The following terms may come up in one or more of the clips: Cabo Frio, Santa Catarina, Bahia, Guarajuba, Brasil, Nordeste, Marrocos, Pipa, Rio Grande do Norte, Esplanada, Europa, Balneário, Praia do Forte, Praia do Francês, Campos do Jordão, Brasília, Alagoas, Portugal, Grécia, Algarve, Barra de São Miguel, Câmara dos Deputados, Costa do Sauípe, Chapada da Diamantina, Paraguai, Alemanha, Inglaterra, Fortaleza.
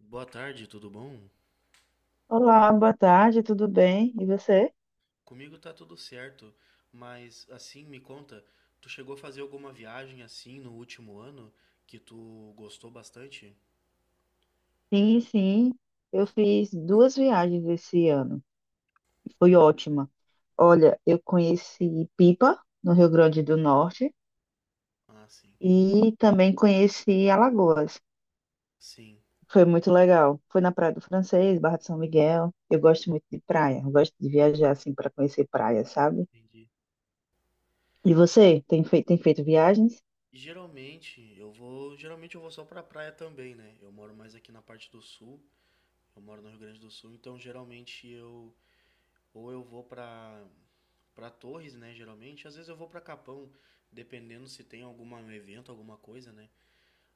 Boa tarde, tudo bom? Olá, boa tarde, tudo bem? E você? Comigo tá tudo certo, mas assim, me conta, tu chegou a fazer alguma viagem assim no último ano que tu gostou bastante? Sim, sim. Eu fiz duas viagens esse ano. Foi ótima. Olha, eu conheci Pipa, no Rio Grande do Norte, Ah, sim. e também conheci Alagoas. Sim, Foi muito legal. Foi na Praia do Francês, Barra de São Miguel. Eu gosto muito de praia. Eu gosto de viajar assim para conhecer praia, sabe? entendi. E você? Tem feito viagens? Geralmente, eu vou só pra praia também, né? Eu moro mais aqui na parte do sul, eu moro no Rio Grande do Sul, então geralmente eu vou pra para Torres, né, geralmente, às vezes eu vou pra Capão, dependendo se tem algum evento, alguma coisa, né?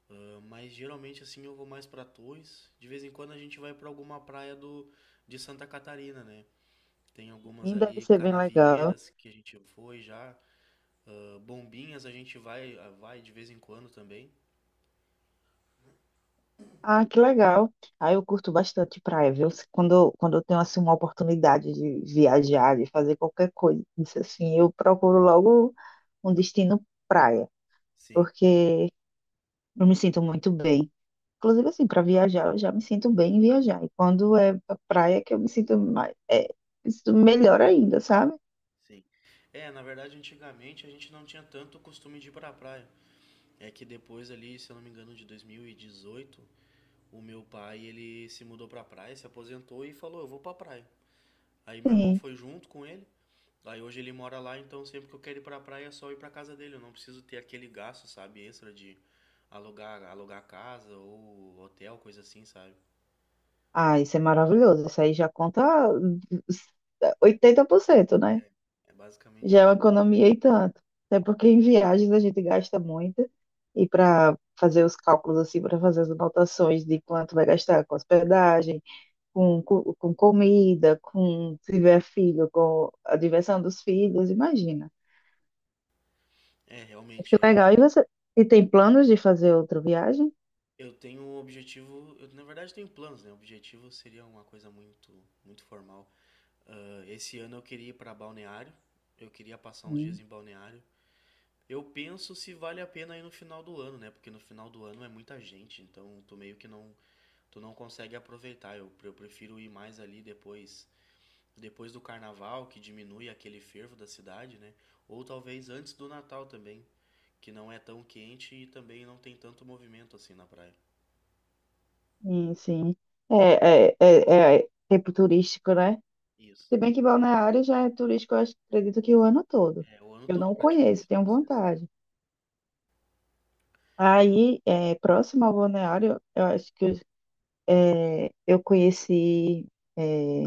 Ah, mas geralmente assim eu vou mais para Torres. De vez em quando a gente vai para alguma praia do de Santa Catarina, né? Tem algumas Sim, deve ali, ser bem legal. Canavieiras que a gente foi já. Ah, Bombinhas a gente vai de vez em quando também. Ah, que legal. Ah, eu curto bastante praia, viu? Quando eu tenho assim uma oportunidade de viajar, de fazer qualquer coisa, isso assim, eu procuro logo um destino praia, Sim, é, porque eu me sinto muito bem. Inclusive assim, para viajar, eu já me sinto bem em viajar. E quando é pra praia que eu me sinto mais, me sinto melhor ainda, sabe? sim. É, na verdade antigamente a gente não tinha tanto costume de ir pra praia. É que depois ali, se eu não me engano, de 2018, o meu pai ele se mudou pra praia, se aposentou e falou, eu vou pra praia. Aí meu irmão Sim. foi junto com ele. Aí hoje ele mora lá, então sempre que eu quero ir pra praia é só ir pra casa dele. Eu não preciso ter aquele gasto, sabe, extra de alugar casa ou hotel, coisa assim, sabe? Ah, isso é maravilhoso. Isso aí já conta 80%, né? É basicamente Já é uma isso. economia e tanto. Até porque em viagens a gente gasta muito e para fazer os cálculos assim, para fazer as anotações de quanto vai gastar com hospedagem, com comida, com se tiver filho, com a diversão dos filhos, imagina. É, Mas que realmente é é. legal. E tem planos de fazer outra viagem? Eu tenho um objetivo, eu na verdade tenho planos, né? O objetivo seria uma coisa muito, muito formal. Ah, esse ano eu queria ir pra Balneário. Eu queria passar uns dias Sim, em Balneário. Eu penso se vale a pena ir no final do ano, né? Porque no final do ano é muita gente, então tu meio que não consegue aproveitar. Eu prefiro ir mais ali depois do carnaval, que diminui aquele fervo da cidade, né? Ou talvez antes do Natal também, que não é tão quente e também não tem tanto movimento assim na praia. sim. Sim. É tempo turístico, né? Isso. Se bem que Balneário já é turístico, acredito que o ano todo. É, o ano Eu não todo conheço, praticamente tenho deve ser assim. vontade. Próximo ao balneário, eu acho que eu é, eu conheci. é,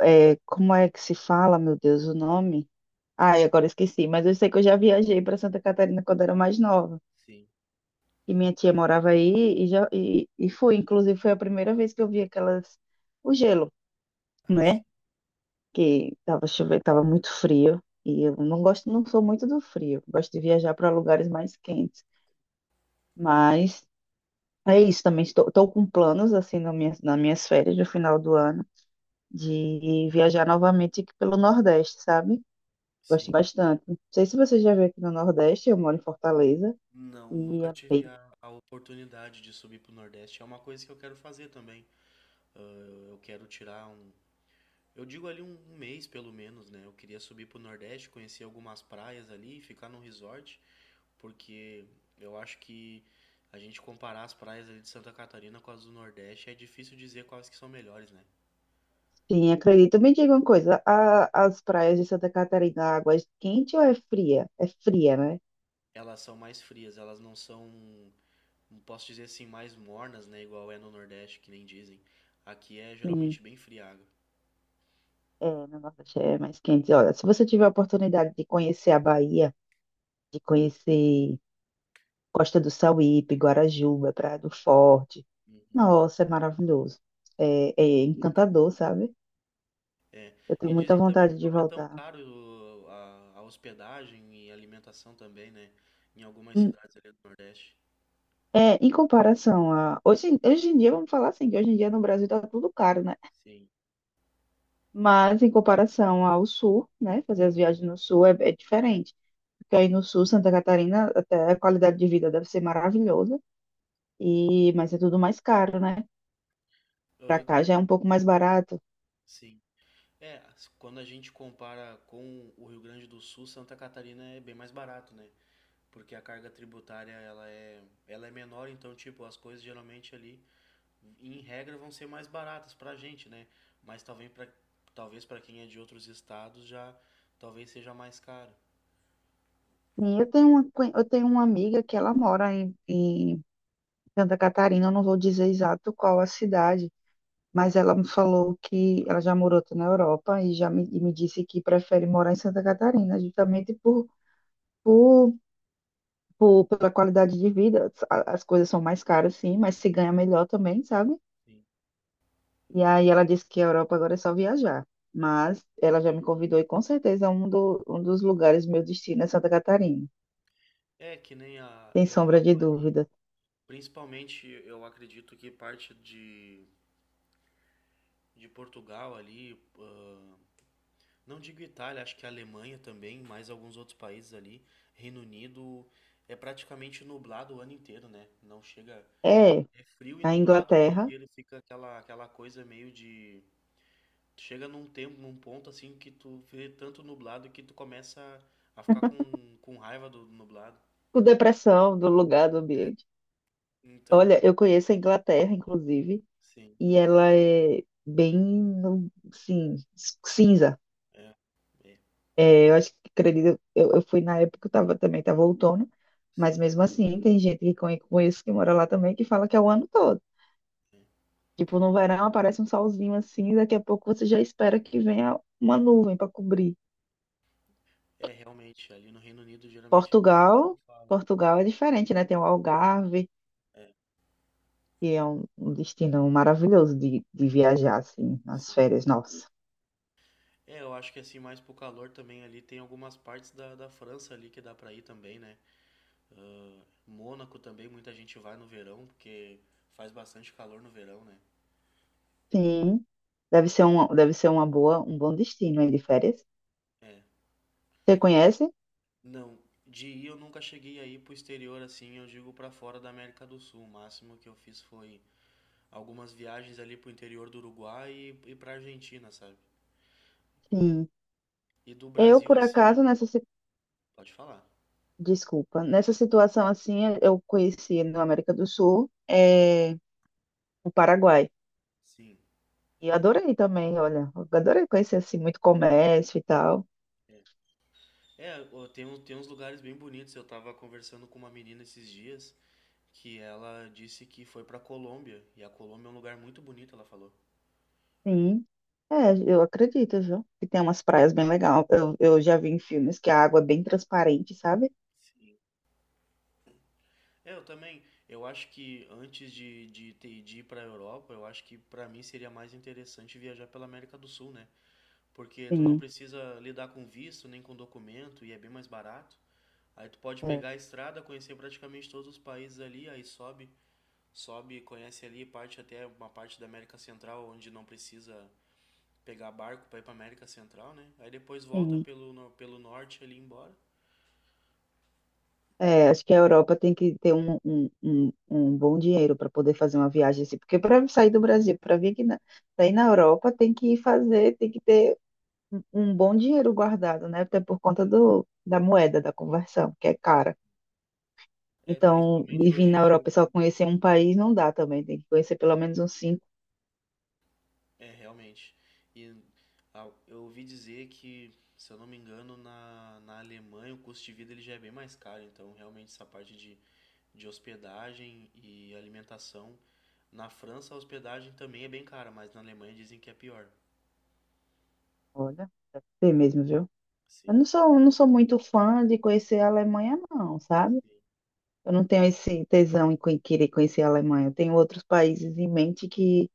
Como é que se fala, meu Deus, o nome? Ai, agora esqueci, mas eu sei que eu já viajei para Santa Catarina quando era mais nova. Sim. E minha tia morava aí e fui. Inclusive, foi a primeira vez que eu vi aquelas. O gelo, Ah, sim. né? Que tava chovendo, tava muito frio. E eu não gosto, não sou muito do frio. Gosto de viajar para lugares mais quentes. Mas. É isso também. Estou com planos, assim, nas minhas férias do final do ano, de viajar novamente aqui pelo Nordeste, sabe? Gosto Sim. bastante. Não sei se você já veio aqui no Nordeste, eu moro em Hum. Fortaleza, Não, e nunca é tive bem. A oportunidade de subir pro Nordeste. É uma coisa que eu quero fazer também. Ah, eu quero tirar um. Eu digo ali um mês pelo menos, né? Eu queria subir pro Nordeste, conhecer algumas praias ali, ficar num resort, porque eu acho que a gente comparar as praias ali de Santa Catarina com as do Nordeste é difícil dizer quais que são melhores, né? Sim, acredito. Me diga uma coisa: as praias de Santa Catarina, a água é quente ou é fria? É fria, né? Elas são mais frias, elas não são, não posso dizer assim, mais mornas, né? Igual é no Nordeste, que nem dizem. Aqui é Sim, geralmente bem fria a água. é, no Nordeste é mais quente. Olha, se você tiver a oportunidade de conhecer a Bahia, de conhecer Costa do Sauípe, Guarajuba, Praia do Forte, Uhum. nossa, é maravilhoso. É encantador, sabe? Eu E tenho muita dizem também que vontade de não é tão voltar. caro, a hospedagem e alimentação também, né? Em algumas Hum. cidades ali do Nordeste. É, em comparação a. Hoje em dia, vamos falar assim, que hoje em dia no Brasil tá tudo caro, né? Sim. Mas em comparação ao sul, né? Fazer as viagens no sul é diferente. Porque aí Uhum. no sul, Santa Catarina, até a qualidade de vida deve ser maravilhosa, mas é tudo mais caro, né? Pra Ah, cá já é um pouco mais barato. sim. É, as- quando a gente compara com o Rio Grande do Sul, Santa Catarina é bem mais barato, né? Porque a carga tributária ela é menor, então tipo, as coisas geralmente ali, em regra, vão ser mais baratas pra gente, né? Mas talvez para quem é de outros estados já talvez seja mais caro. E eu tenho eu tenho uma amiga que ela mora em Santa Catarina, eu não vou dizer exato qual a cidade. Mas ela me falou que ela já morou na Europa e me disse que prefere morar em Santa Catarina, justamente por, pela qualidade de vida. As coisas são mais caras, sim, mas se ganha melhor também, sabe? Sim. E aí ela disse que a Europa agora é só viajar. Mas ela já me convidou e com certeza um dos lugares meu destino é Santa Catarina, É que nem a sem sombra de Europa ali, dúvida. principalmente eu acredito que parte de Portugal ali. Ah, não digo Itália, acho que a Alemanha também, mais alguns outros países ali. Reino Unido é praticamente nublado o ano inteiro, né? Não chega É frio e a nublado o ano Inglaterra, inteiro, fica aquela coisa meio de. Chega num tempo, num ponto assim que tu vê tanto nublado que tu começa a ficar com raiva do nublado. com depressão do lugar, do ambiente. Então, Olha, eu conheço a Inglaterra, inclusive. sim, E ela é bem, sim, cinza. é, é, Eu fui na época, também estava outono, mas sim. mesmo assim, tem gente conheço que mora lá também que fala que é o ano todo. Tipo, no verão aparece um solzinho assim, daqui a pouco você já espera que venha uma nuvem para cobrir. É realmente, ali no Reino Unido geralmente todo mundo Portugal, fala. Portugal é diferente, né? Tem o Algarve, É, que é um destino maravilhoso de viajar, assim, nas sim. férias, nossa. É, eu acho que assim, mais pro calor também ali, tem algumas partes da França ali que dá pra ir também, né? Mônaco também, muita gente vai no verão, porque faz bastante calor no verão, né? Sim, deve ser uma boa, um bom destino aí de férias. É. Você conhece? Não, de ir eu nunca cheguei a ir pro exterior assim, eu digo pra fora da América do Sul. O máximo que eu fiz foi algumas viagens ali pro interior do Uruguai e pra Argentina, sabe? Sim. E do Eu, Brasil por assim, acaso, nessa, si- pode falar. desculpa, Nessa situação assim, eu conheci na América do Sul, é, o Paraguai. Sim. E adorei também, olha, eu adorei conhecer assim muito comércio e tal. É, é ó, tem, um- tem uns lugares bem bonitos. Eu tava conversando com uma menina esses dias, que ela disse que foi pra Colômbia. E a Colômbia é um lugar muito bonito, ela falou. Sim. É, eu acredito, viu? Que tem umas praias bem legais. Eu já vi em filmes que a água é bem transparente, sabe? Sim. Eu também, eu acho que antes de, ter- de ir pra Europa, eu acho que pra mim seria mais interessante viajar pela América do Sul, né? Porque tu não Sim. precisa lidar com visto nem com documento e é bem mais barato. Aí tu pode É, pegar a estrada, conhecer praticamente todos os países ali, aí sobe, conhece ali parte até uma parte da América Central onde não precisa pegar barco para ir para América Central, né? Aí depois volta sim. pelo, no- pelo norte ali embora. É, acho que a Europa tem que ter um bom dinheiro para poder fazer uma viagem assim, porque para sair do Brasil, para vir aqui na, pra ir na Europa, tem que ter um bom dinheiro guardado, né? Até por conta da moeda, da conversão, que é cara. É, Então, e principalmente vir hoje em na dia Europa e só que conhecer um país não dá também, tem que conhecer pelo menos uns cinco. é realmente. E ah, eu ouvi dizer que, se eu não me engano, na Alemanha o custo de vida ele já é bem mais caro, então realmente essa parte de hospedagem e alimentação. Na França a hospedagem também é bem cara, mas na Alemanha dizem que é pior. Olha, tem mesmo, viu? Eu Sim, não sou, não sou muito fã de conhecer a Alemanha, não, sabe? sim, Eu não tenho esse tesão em querer conhecer a Alemanha. Eu tenho outros países em mente que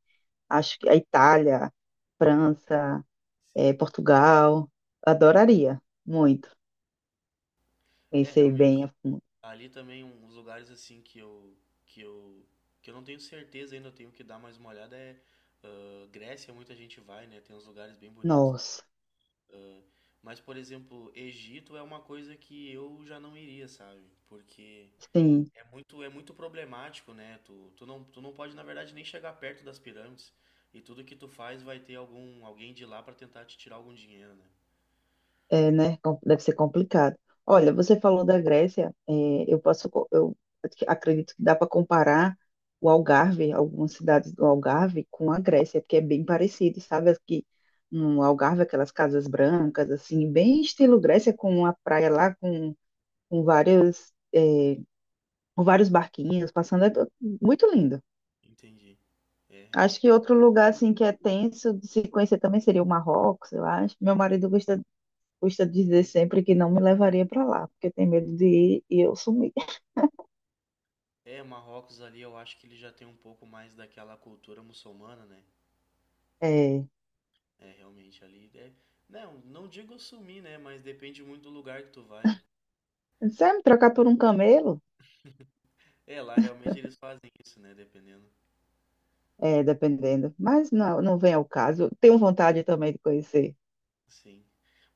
acho que a Itália, França, eh, sim. Portugal. Adoraria muito É conhecer bem a realmente. fundo. Ali também um- uns lugares assim que eu que eu não tenho certeza ainda, eu tenho que dar mais uma olhada é ah, Grécia, muita gente vai, né? Tem uns lugares bem bonitos. Nossa, Ah, mas por exemplo, Egito é uma coisa que eu já não iria, sabe? Porque sim, é muito problemático, né? Tu tu não pode na verdade nem chegar perto das pirâmides e tudo que tu faz vai ter algum alguém de lá pra tentar te tirar algum dinheiro, né? é, né? Deve ser complicado. Eu- Olha, você falou da Grécia, eu acredito que dá para comparar o Algarve, algumas cidades do Algarve, com a Grécia, porque é bem parecido, sabe? Aqui no Algarve, aquelas casas brancas, assim, bem estilo Grécia, com a praia lá, com va- com vários barquinhos passando, é muito lindo. Entendi. É, Acho realmente. que outro lugar assim que é tenso de se conhecer também seria o Marrocos, eu acho. Gosta de dizer sempre que não me levaria para lá, porque tem medo de ir e eu sumir. É, Marrocos ali eu acho que ele já tem um pouco mais daquela cultura muçulmana, né? É, É, realmente ali é. Não, não digo sumir, né? Mas depende muito do lugar que tu vai, né? sabe, me trocar por um camelo? É, lá realmente eles fazem isso, né? Dependendo. É, dependendo. Mas não, não vem ao caso. Tenho vontade também de conhecer. Sim.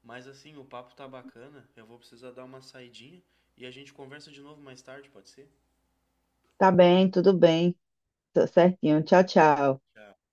Mas assim, o papo tá bacana. Eu vou precisar dar uma saidinha e a gente conversa de novo mais tarde, pode ser? Tá bem, tudo bem, tô certinho. Tchau, tchau. Tchau.